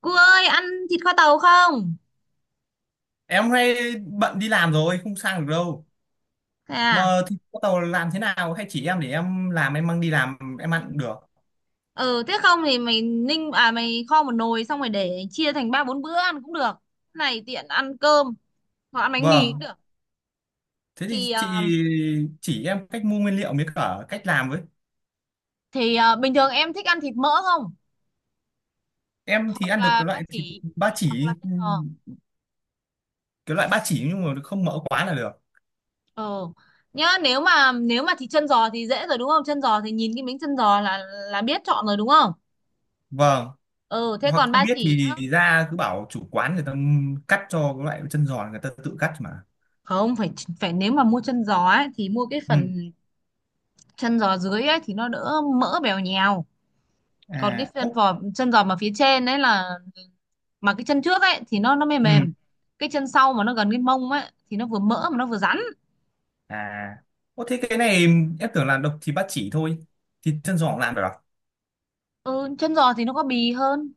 Cô ơi ăn thịt kho tàu không? Em hôm nay bận đi làm rồi, không sang được đâu. Thế à? Mà thì bắt đầu làm thế nào, hay chỉ em để em làm em mang đi làm em ăn cũng được. Ừ, thế không thì mày ninh à, mày kho một nồi xong rồi để chia thành ba bốn bữa ăn cũng được. Này, tiện ăn cơm hoặc ăn bánh mì cũng Vâng, được. thế thì Thì chị ờ, chỉ em cách mua nguyên liệu với cả cách làm với. bình thường em thích ăn thịt mỡ không? Em thì Hoặc ăn được là cái ba loại thịt chỉ ba hoặc là chỉ, chân giò. cái loại ba chỉ nhưng mà không mỡ quá là được. Ừ. Nhá, nếu mà thịt chân giò thì dễ rồi đúng không? Chân giò thì nhìn cái miếng chân giò là biết chọn rồi đúng không? Vâng. Ừ, thế Hoặc còn không ba biết chỉ nhá. thì ra cứ bảo chủ quán người ta cắt cho, cái loại chân giòn người ta tự cắt mà. Không phải phải nếu mà mua chân giò ấy thì mua cái Ừ. phần chân giò dưới ấy thì nó đỡ mỡ bèo nhèo, À còn cái ố. chân giò mà phía trên ấy là mà cái chân trước ấy thì nó mềm Ừ. mềm, cái chân sau mà nó gần cái mông ấy thì nó vừa mỡ mà nó vừa rắn. À ô, thế cái này em tưởng là độc thì ba chỉ thôi, thịt chân giòn làm được à? Ừ, chân giò thì nó có bì hơn,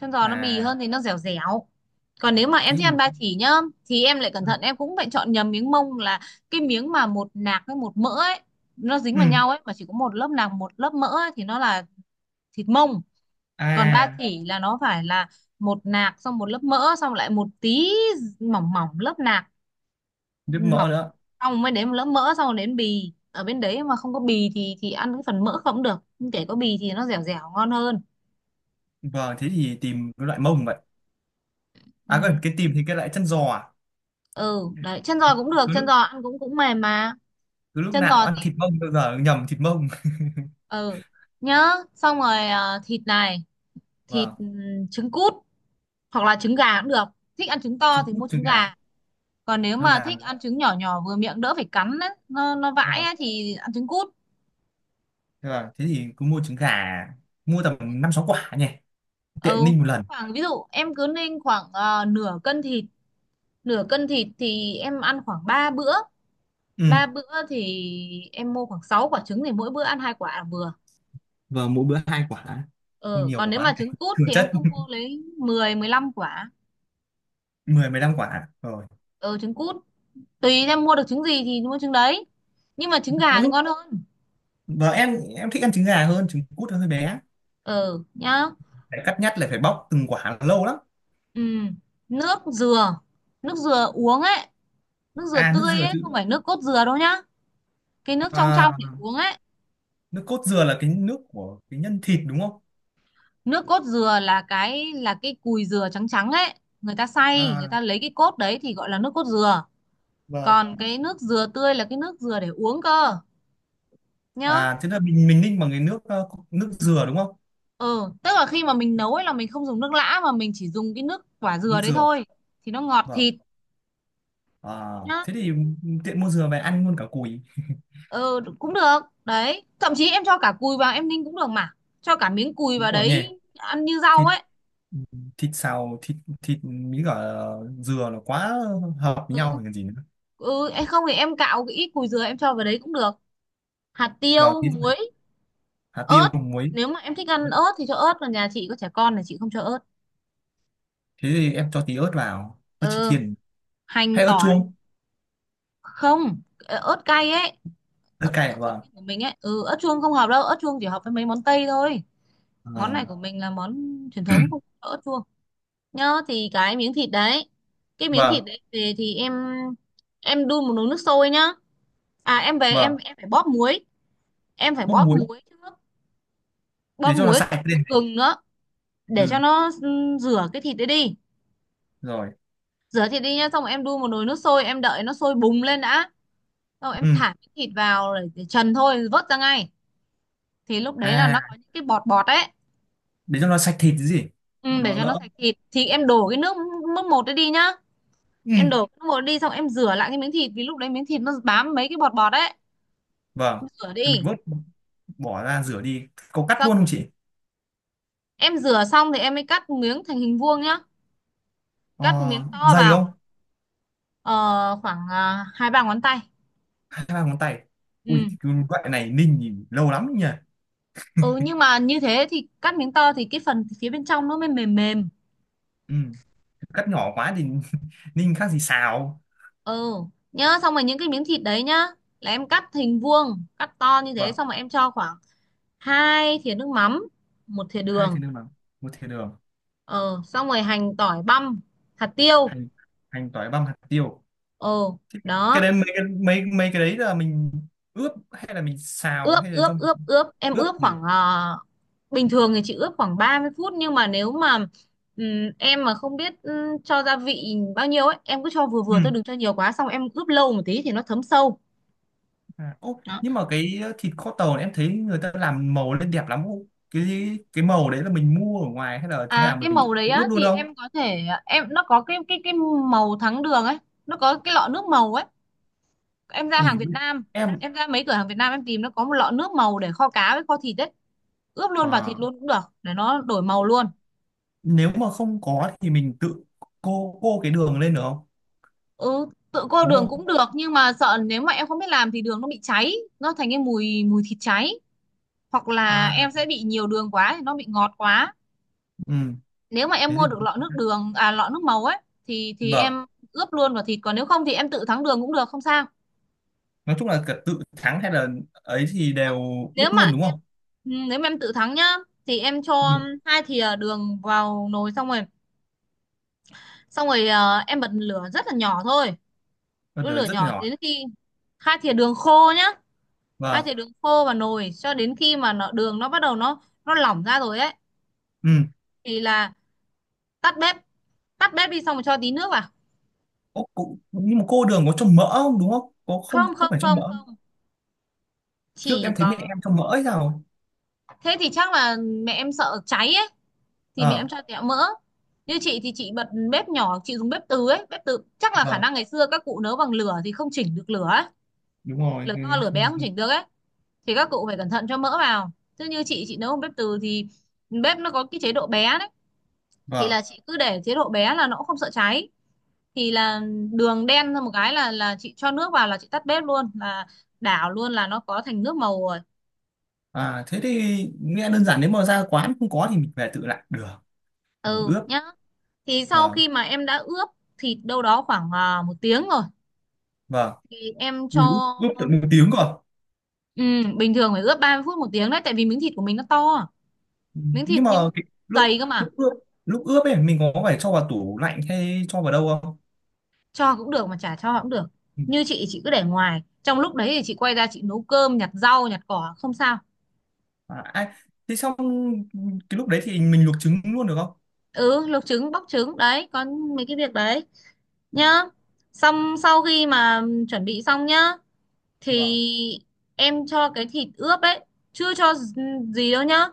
chân giò nó bì À hơn thì nó dẻo dẻo. Còn nếu mà em thế thích ăn thì. ba chỉ nhá thì em lại cẩn Ừ. thận, em cũng phải chọn nhầm miếng mông, là cái miếng mà một nạc với một mỡ ấy, nó dính Ừ. vào nhau ấy mà chỉ có một lớp nạc một lớp mỡ ấy, thì nó là thịt mông. Còn ba À. chỉ là nó phải là một nạc xong một lớp mỡ xong lại một tí mỏng mỏng lớp nạc. Ừ, Nước mỡ mỏng nữa. xong mới đến một lớp mỡ xong rồi đến bì ở bên đấy, mà không có bì thì ăn cái phần mỡ không được, nhưng kể có bì thì nó dẻo dẻo ngon hơn. Vâng, thế thì tìm cái loại mông vậy. Ừ, À còn cái tìm thì cái loại chân giò à. ừ Ừ. đấy, chân giò cũng được, cứ chân giò lúc ăn cũng cũng mềm mà. cứ lúc Chân nào giò ăn thì thịt mông bao giờ nhầm thịt mông. ừ, nhớ. Xong rồi thịt này, thịt Vâng. Trứng cút hoặc là trứng gà cũng được. Thích ăn trứng to Trứng thì cút, mua trứng trứng gà. gà, còn nếu Thôi mà làm. thích ăn trứng nhỏ nhỏ vừa miệng đỡ phải cắn á, nó vãi Vâng. á, thì ăn trứng cút. Vâng, thế thì cứ mua trứng gà, mua tầm năm sáu quả nhỉ. Tiện Ừ, ninh một lần. khoảng, ví dụ em cứ nên khoảng nửa cân thịt. Nửa cân thịt thì em ăn khoảng 3 bữa. Ừ. Ba bữa thì em mua khoảng 6 quả trứng thì mỗi bữa ăn hai quả là vừa. Vâng, mỗi bữa hai quả. Không Ừ, nhiều còn nếu quá mà để trứng cút thừa thì em chất. cứ mua lấy 10-15 quả. 10 15 quả rồi. Ừ, trứng cút, tùy em mua được trứng gì thì mua trứng đấy, nhưng mà trứng gà Nói thì chung ngon hơn. vợ em thích ăn trứng gà hơn trứng cút nó hơi bé, Ừ nhá. phải cắt nhắt lại, phải bóc từng quả lâu lắm. Ừ, nước dừa, nước dừa uống ấy, nước dừa À nước tươi dừa ấy, không chứ. phải nước cốt dừa đâu nhá. Cái nước trong À, trong để uống ấy. nước cốt dừa là cái nước của cái nhân thịt đúng không. Nước cốt dừa là cái cùi dừa trắng trắng ấy, người ta xay, người À, ta lấy cái cốt đấy thì gọi là nước cốt dừa. vâng. Còn cái nước dừa tươi là cái nước dừa để uống cơ, nhá. À thế là mình ninh bằng cái nước nước dừa đúng không. Ừ, tức là khi mà mình nấu ấy là mình không dùng nước lã mà mình chỉ dùng cái nước quả dừa Nước đấy dừa. thôi, thì nó ngọt Vâng. thịt. À, Nhá. thế thì tiện mua dừa về ăn luôn cả cùi. Ừ cũng được, đấy, thậm chí em cho cả cùi vào em ninh cũng được mà, cho cả miếng cùi Đúng vào rồi nhỉ. đấy ăn như rau thịt ấy. thịt xào thịt thịt với cả dừa là quá hợp với Ừ. nhau rồi còn gì nữa. Ừ, em không thì em cạo cái ít cùi dừa em cho vào đấy cũng được. Hạt Vâng tiêu, tí rồi. muối, Hạt tiêu ớt. muối. Nếu mà em thích ăn ớt thì cho ớt, còn nhà chị có trẻ con là chị không cho ớt. Thế thì em cho tí ớt vào, ớt chỉ Ừ, thiên. hành Hay ớt tỏi. chuông. Không, ớt cay ấy. Ớt Ớt, cay, ớt chỉ vâng. của mình ấy, ừ, ớt chuông không hợp đâu, ớt chuông chỉ hợp với mấy món tây thôi. Món này À, của mình là món truyền thống, không có ớt chuông. Nhớ, thì cái miếng thịt đấy, cái miếng vâng thịt đấy về thì em đun một nồi nước sôi nhá. À, em về vâng. em phải bóp muối. Em phải Bóp bóp muối. muối trước. Bóp Để cho nó muối. sạch Có lên. gừng nữa. Để cho Ừ. nó rửa cái thịt đấy đi. Rồi. Rửa thịt đi nhá, xong rồi em đun một nồi nước sôi, em đợi nó sôi bùng lên đã, xong rồi em Ừ. thả cái thịt vào để trần thôi, vớt ra ngay. Thì lúc đấy là nó À có những cái bọt bọt ấy. để cho nó sạch thịt chứ gì. Ừ, để Nó cho nó đỡ. sạch thịt thì em đổ cái nước mức một đấy đi nhá. Em Ừ. đổ cái nước một đi, xong em rửa lại cái miếng thịt vì lúc đấy miếng thịt nó bám mấy cái bọt bọt ấy, Vâng. em rửa Thì mình đi. vớt bỏ ra Ừ. rửa đi, có cắt luôn Xong không rồi, chị. em rửa xong thì em mới cắt miếng thành hình vuông nhá. Ờ, Cắt miếng to dày vào. không. Ờ, Khoảng hai ba ngón tay. Hai ba ngón tay. Ui Ừ. cái loại này ninh thì lâu lắm nhỉ. Ừ, nhưng mà như thế thì cắt miếng to thì cái phần phía bên trong nó mới mềm mềm. Ừ. Cắt nhỏ quá thì ninh khác gì xào. Ừ, nhớ xong rồi những cái miếng thịt đấy nhá, là em cắt hình vuông, cắt to như thế Vâng. xong rồi em cho khoảng 2 thìa nước mắm, một thìa Hai đường. thìa đường bằng một thìa đường. ờ Xong rồi hành tỏi băm, hạt tiêu. Hành, hành tỏi băm, hạt tiêu. Ờ, Thế cái đó. đấy, mấy cái đấy là mình ướp hay là mình xào ướp hay là ướp trong. ướp ướp, em Ướp ướp gì. khoảng bình thường thì chị ướp khoảng 30 phút, nhưng mà nếu mà ừm, em mà không biết cho gia vị bao nhiêu ấy, em cứ cho vừa Ừ. vừa thôi, đừng cho nhiều quá, xong em ướp lâu một tí thì nó thấm sâu. À, ô, nhưng mà cái thịt kho tàu này em thấy người ta làm màu lên đẹp lắm ô. Cái màu đấy là mình mua ở ngoài hay là thế À, nào, cái mình màu đấy ướp á luôn thì không? em có thể em nó có cái màu thắng đường ấy, nó có cái lọ nước màu ấy. Em ra Ui hàng Việt Nam, em. em ra mấy cửa hàng Việt Nam em tìm, nó có một lọ nước màu để kho cá với kho thịt ấy. Ướp luôn vào À, thịt luôn cũng được để nó đổi màu luôn. nếu mà không có thì mình tự cô cái đường lên được không? Ừ, tự cô Đúng đường cũng không? được, nhưng mà sợ nếu mà em không biết làm thì đường nó bị cháy, nó thành cái mùi mùi thịt cháy, hoặc là À. em sẽ bị nhiều đường quá thì nó bị ngọt quá. Ừ Nếu mà em thế mua được thì. lọ nước đường, à, lọ nước màu ấy thì Vâng. em ướp luôn vào thịt, còn nếu không thì em tự thắng đường cũng được không sao. Nói chung là cả tự thắng hay là ấy thì đều ướp nếu mà luôn đúng em không? nếu mà em tự thắng nhá thì em Ừ. cho 2 thìa đường vào nồi xong rồi. Em bật lửa rất là nhỏ thôi, Con đun lửa đường rất nhỏ đến nhỏ. khi 2 thìa đường khô nhá. hai Vâng. thìa đường khô vào nồi cho đến khi mà đường bắt đầu nó lỏng ra rồi ấy Ừ. thì là tắt bếp. Tắt bếp đi, xong rồi cho tí nước vào. Ô, cô, nhưng mà cô đường có cho mỡ không đúng không? Có, không Không, không không, phải cho không, mỡ. không, Trước em chỉ thấy mẹ có. em cho mỡ hay sao? Thế thì chắc là mẹ em sợ cháy à? Thì mẹ em Ờ. cho tẹo mỡ. Như chị thì chị bật bếp nhỏ, chị dùng bếp từ ấy, bếp từ chắc là khả Vâng năng ngày xưa các cụ nấu bằng lửa thì không chỉnh được lửa ấy. đúng rồi Lửa to lửa bé không cái- chỉnh được ấy thì các cụ phải cẩn thận cho mỡ vào, chứ như chị nấu bằng bếp từ thì bếp nó có cái chế độ bé đấy thì vâng. là chị cứ để chế độ bé là nó cũng không sợ cháy, thì là đường đen ra một cái là chị cho nước vào là chị tắt bếp luôn là đảo luôn là nó có thành nước màu rồi. À thế thì nghe đơn giản, nếu mà ra quán không có thì mình về tự làm được. Ừ, Ừ ướp. nhá. Thì sau Vâng. khi mà em đã ướp thịt đâu đó khoảng 1 tiếng rồi Vâng. thì em cho. Ui, ướp tận một tiếng cơ. Ừ, bình thường phải ướp 30 phút 1 tiếng đấy, tại vì miếng thịt của mình nó to, miếng thịt Nhưng mà những cái, lúc dày cơ mà. lúc ướp lúc ướp ấy mình có phải cho vào tủ lạnh hay cho vào đâu không. Cho cũng được mà chả cho cũng được, Ừ. như chị cứ để ngoài, trong lúc đấy thì chị quay ra chị nấu cơm nhặt rau nhặt cỏ không sao. À, ai. Thế xong, cái lúc đấy thì mình luộc trứng luôn được không. Ừ, luộc trứng bóc trứng đấy, có mấy cái việc đấy Ừ, nhá. Xong sau khi mà chuẩn bị xong nhá thì vâng. em cho cái thịt ướp ấy, chưa cho gì đâu nhá,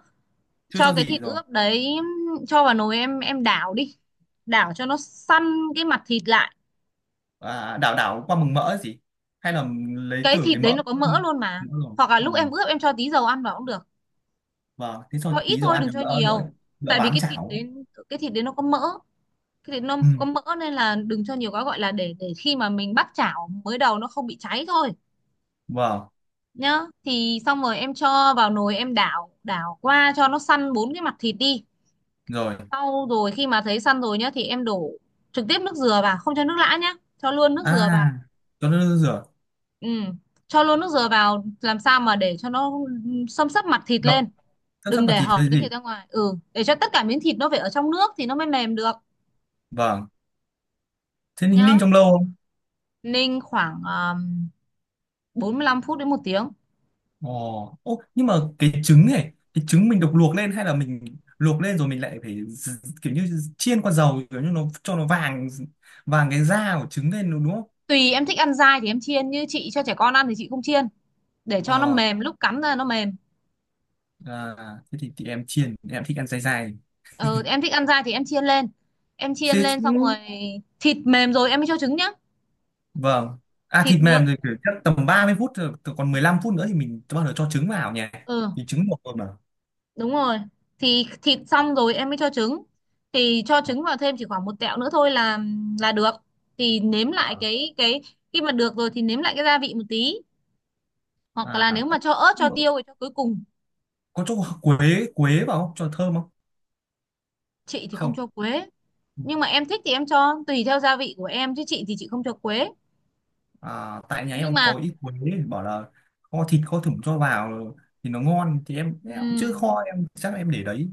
Chưa cho cho cái gì thịt rồi. ướp đấy cho vào nồi, em đảo đi, đảo cho nó săn cái mặt thịt lại. À, đảo đảo qua mừng mỡ gì, hay là lấy Cái từ thịt cái đấy mỡ nó có mỡ mỡ luôn mà. Rồi. Hoặc là Ừ. lúc em ướp em cho tí dầu ăn vào cũng được, Vâng, thế cho cho ít tí dầu thôi ăn đừng cho cho đỡ nhiều, đỡ đỡ tại vì bám cái thịt chảo. đấy, cái thịt đấy nó có mỡ, cái thịt nó Ừ. có mỡ nên là đừng cho nhiều quá, gọi là để khi mà mình bắt chảo mới đầu nó không bị cháy thôi. Vâng. Nhá, thì xong rồi em cho vào nồi em đảo đảo qua cho nó săn bốn cái mặt thịt đi. Rồi. Sau rồi khi mà thấy săn rồi nhá thì em đổ trực tiếp nước dừa vào, không cho nước lã nhá, cho luôn nước dừa vào. À cho nó rửa. Ừ. Cho luôn nước dừa vào làm sao mà để cho nó xâm xấp mặt thịt Ngập, lên, sắp sắp đừng vào để thịt hở hay miếng gì. thịt ra ngoài, ừ, để cho tất cả miếng thịt nó phải ở trong nước thì nó mới mềm được. Vâng, thế ninh ninh Nhá. trong lâu không. Ninh khoảng 45 phút đến 1 tiếng. Ồ ô, nhưng mà cái trứng này, cái trứng mình được luộc lên hay là mình luộc lên rồi mình lại phải kiểu như chiên qua dầu kiểu như nó, cho nó vàng vàng cái da của trứng lên đúng không. Tùy em thích ăn dai thì em chiên, như chị cho trẻ con ăn thì chị không chiên, để cho nó Ờ. mềm, lúc cắn ra nó mềm. À, thế thì em chiên, em thích ăn dai dai. Ừ, em thích ăn dai thì em chiên lên. Em chiên Thế. lên xong rồi thịt mềm rồi em mới cho trứng nhá. Vâng. À Thịt thịt được. mềm thì kiểu chắc tầm 30 phút rồi, từ còn 15 phút nữa thì mình bắt đầu cho trứng vào nhỉ. Ừ, Thì trứng luộc rồi mà. đúng rồi, thì thịt xong rồi em mới cho trứng, thì cho trứng vào thêm chỉ khoảng một tẹo nữa thôi là được. Thì nếm lại Vâng. Cái khi mà được rồi thì nếm lại cái gia vị một tí, hoặc À, là nếu mà cho ớt cho nhưng mà tiêu thì cho cuối cùng. có cho quế quế vào không? Cho thơm không? Chị thì không Không. cho quế, nhưng mà em thích thì em cho tùy theo gia vị của em, chứ chị thì chị không cho quế. À, tại nhà Nhưng em mà có ít quế, bảo là kho thịt kho thủng cho vào thì nó ngon, thì em cũng chưa ừm, kho, em chắc là em để đấy.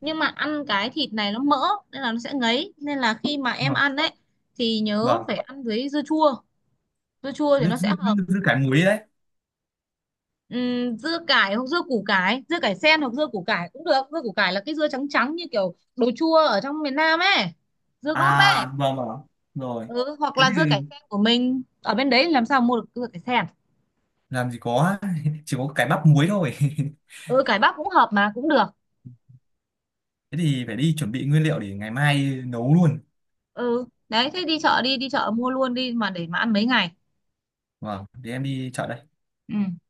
nhưng mà ăn cái thịt này nó mỡ nên là nó sẽ ngấy, nên là khi mà em Vâng. ăn ấy thì nhớ Vâng. phải ăn với dưa chua, dưa chua thì Dư, nó sẽ dư, hợp. dư, dư cả muối đấy. Dưa cải hoặc dưa củ cải, dưa cải sen hoặc dưa củ cải cũng được, dưa củ cải là cái dưa trắng trắng như kiểu đồ chua ở trong miền Nam ấy, dưa góp ấy. À vâng vâng. Rồi. Ừ, hoặc Thế là dưa thì cải sen của mình ở bên đấy làm sao mua được dưa cải sen. làm gì có chỉ có cái bắp muối thôi. Ừ, cải bắp cũng hợp mà cũng được. Thế thì phải đi chuẩn bị nguyên liệu để ngày mai nấu luôn. Ừ đấy, thế đi chợ đi, đi chợ mua luôn đi mà để mà ăn mấy ngày. Vâng để em đi chợ đây. Ừ.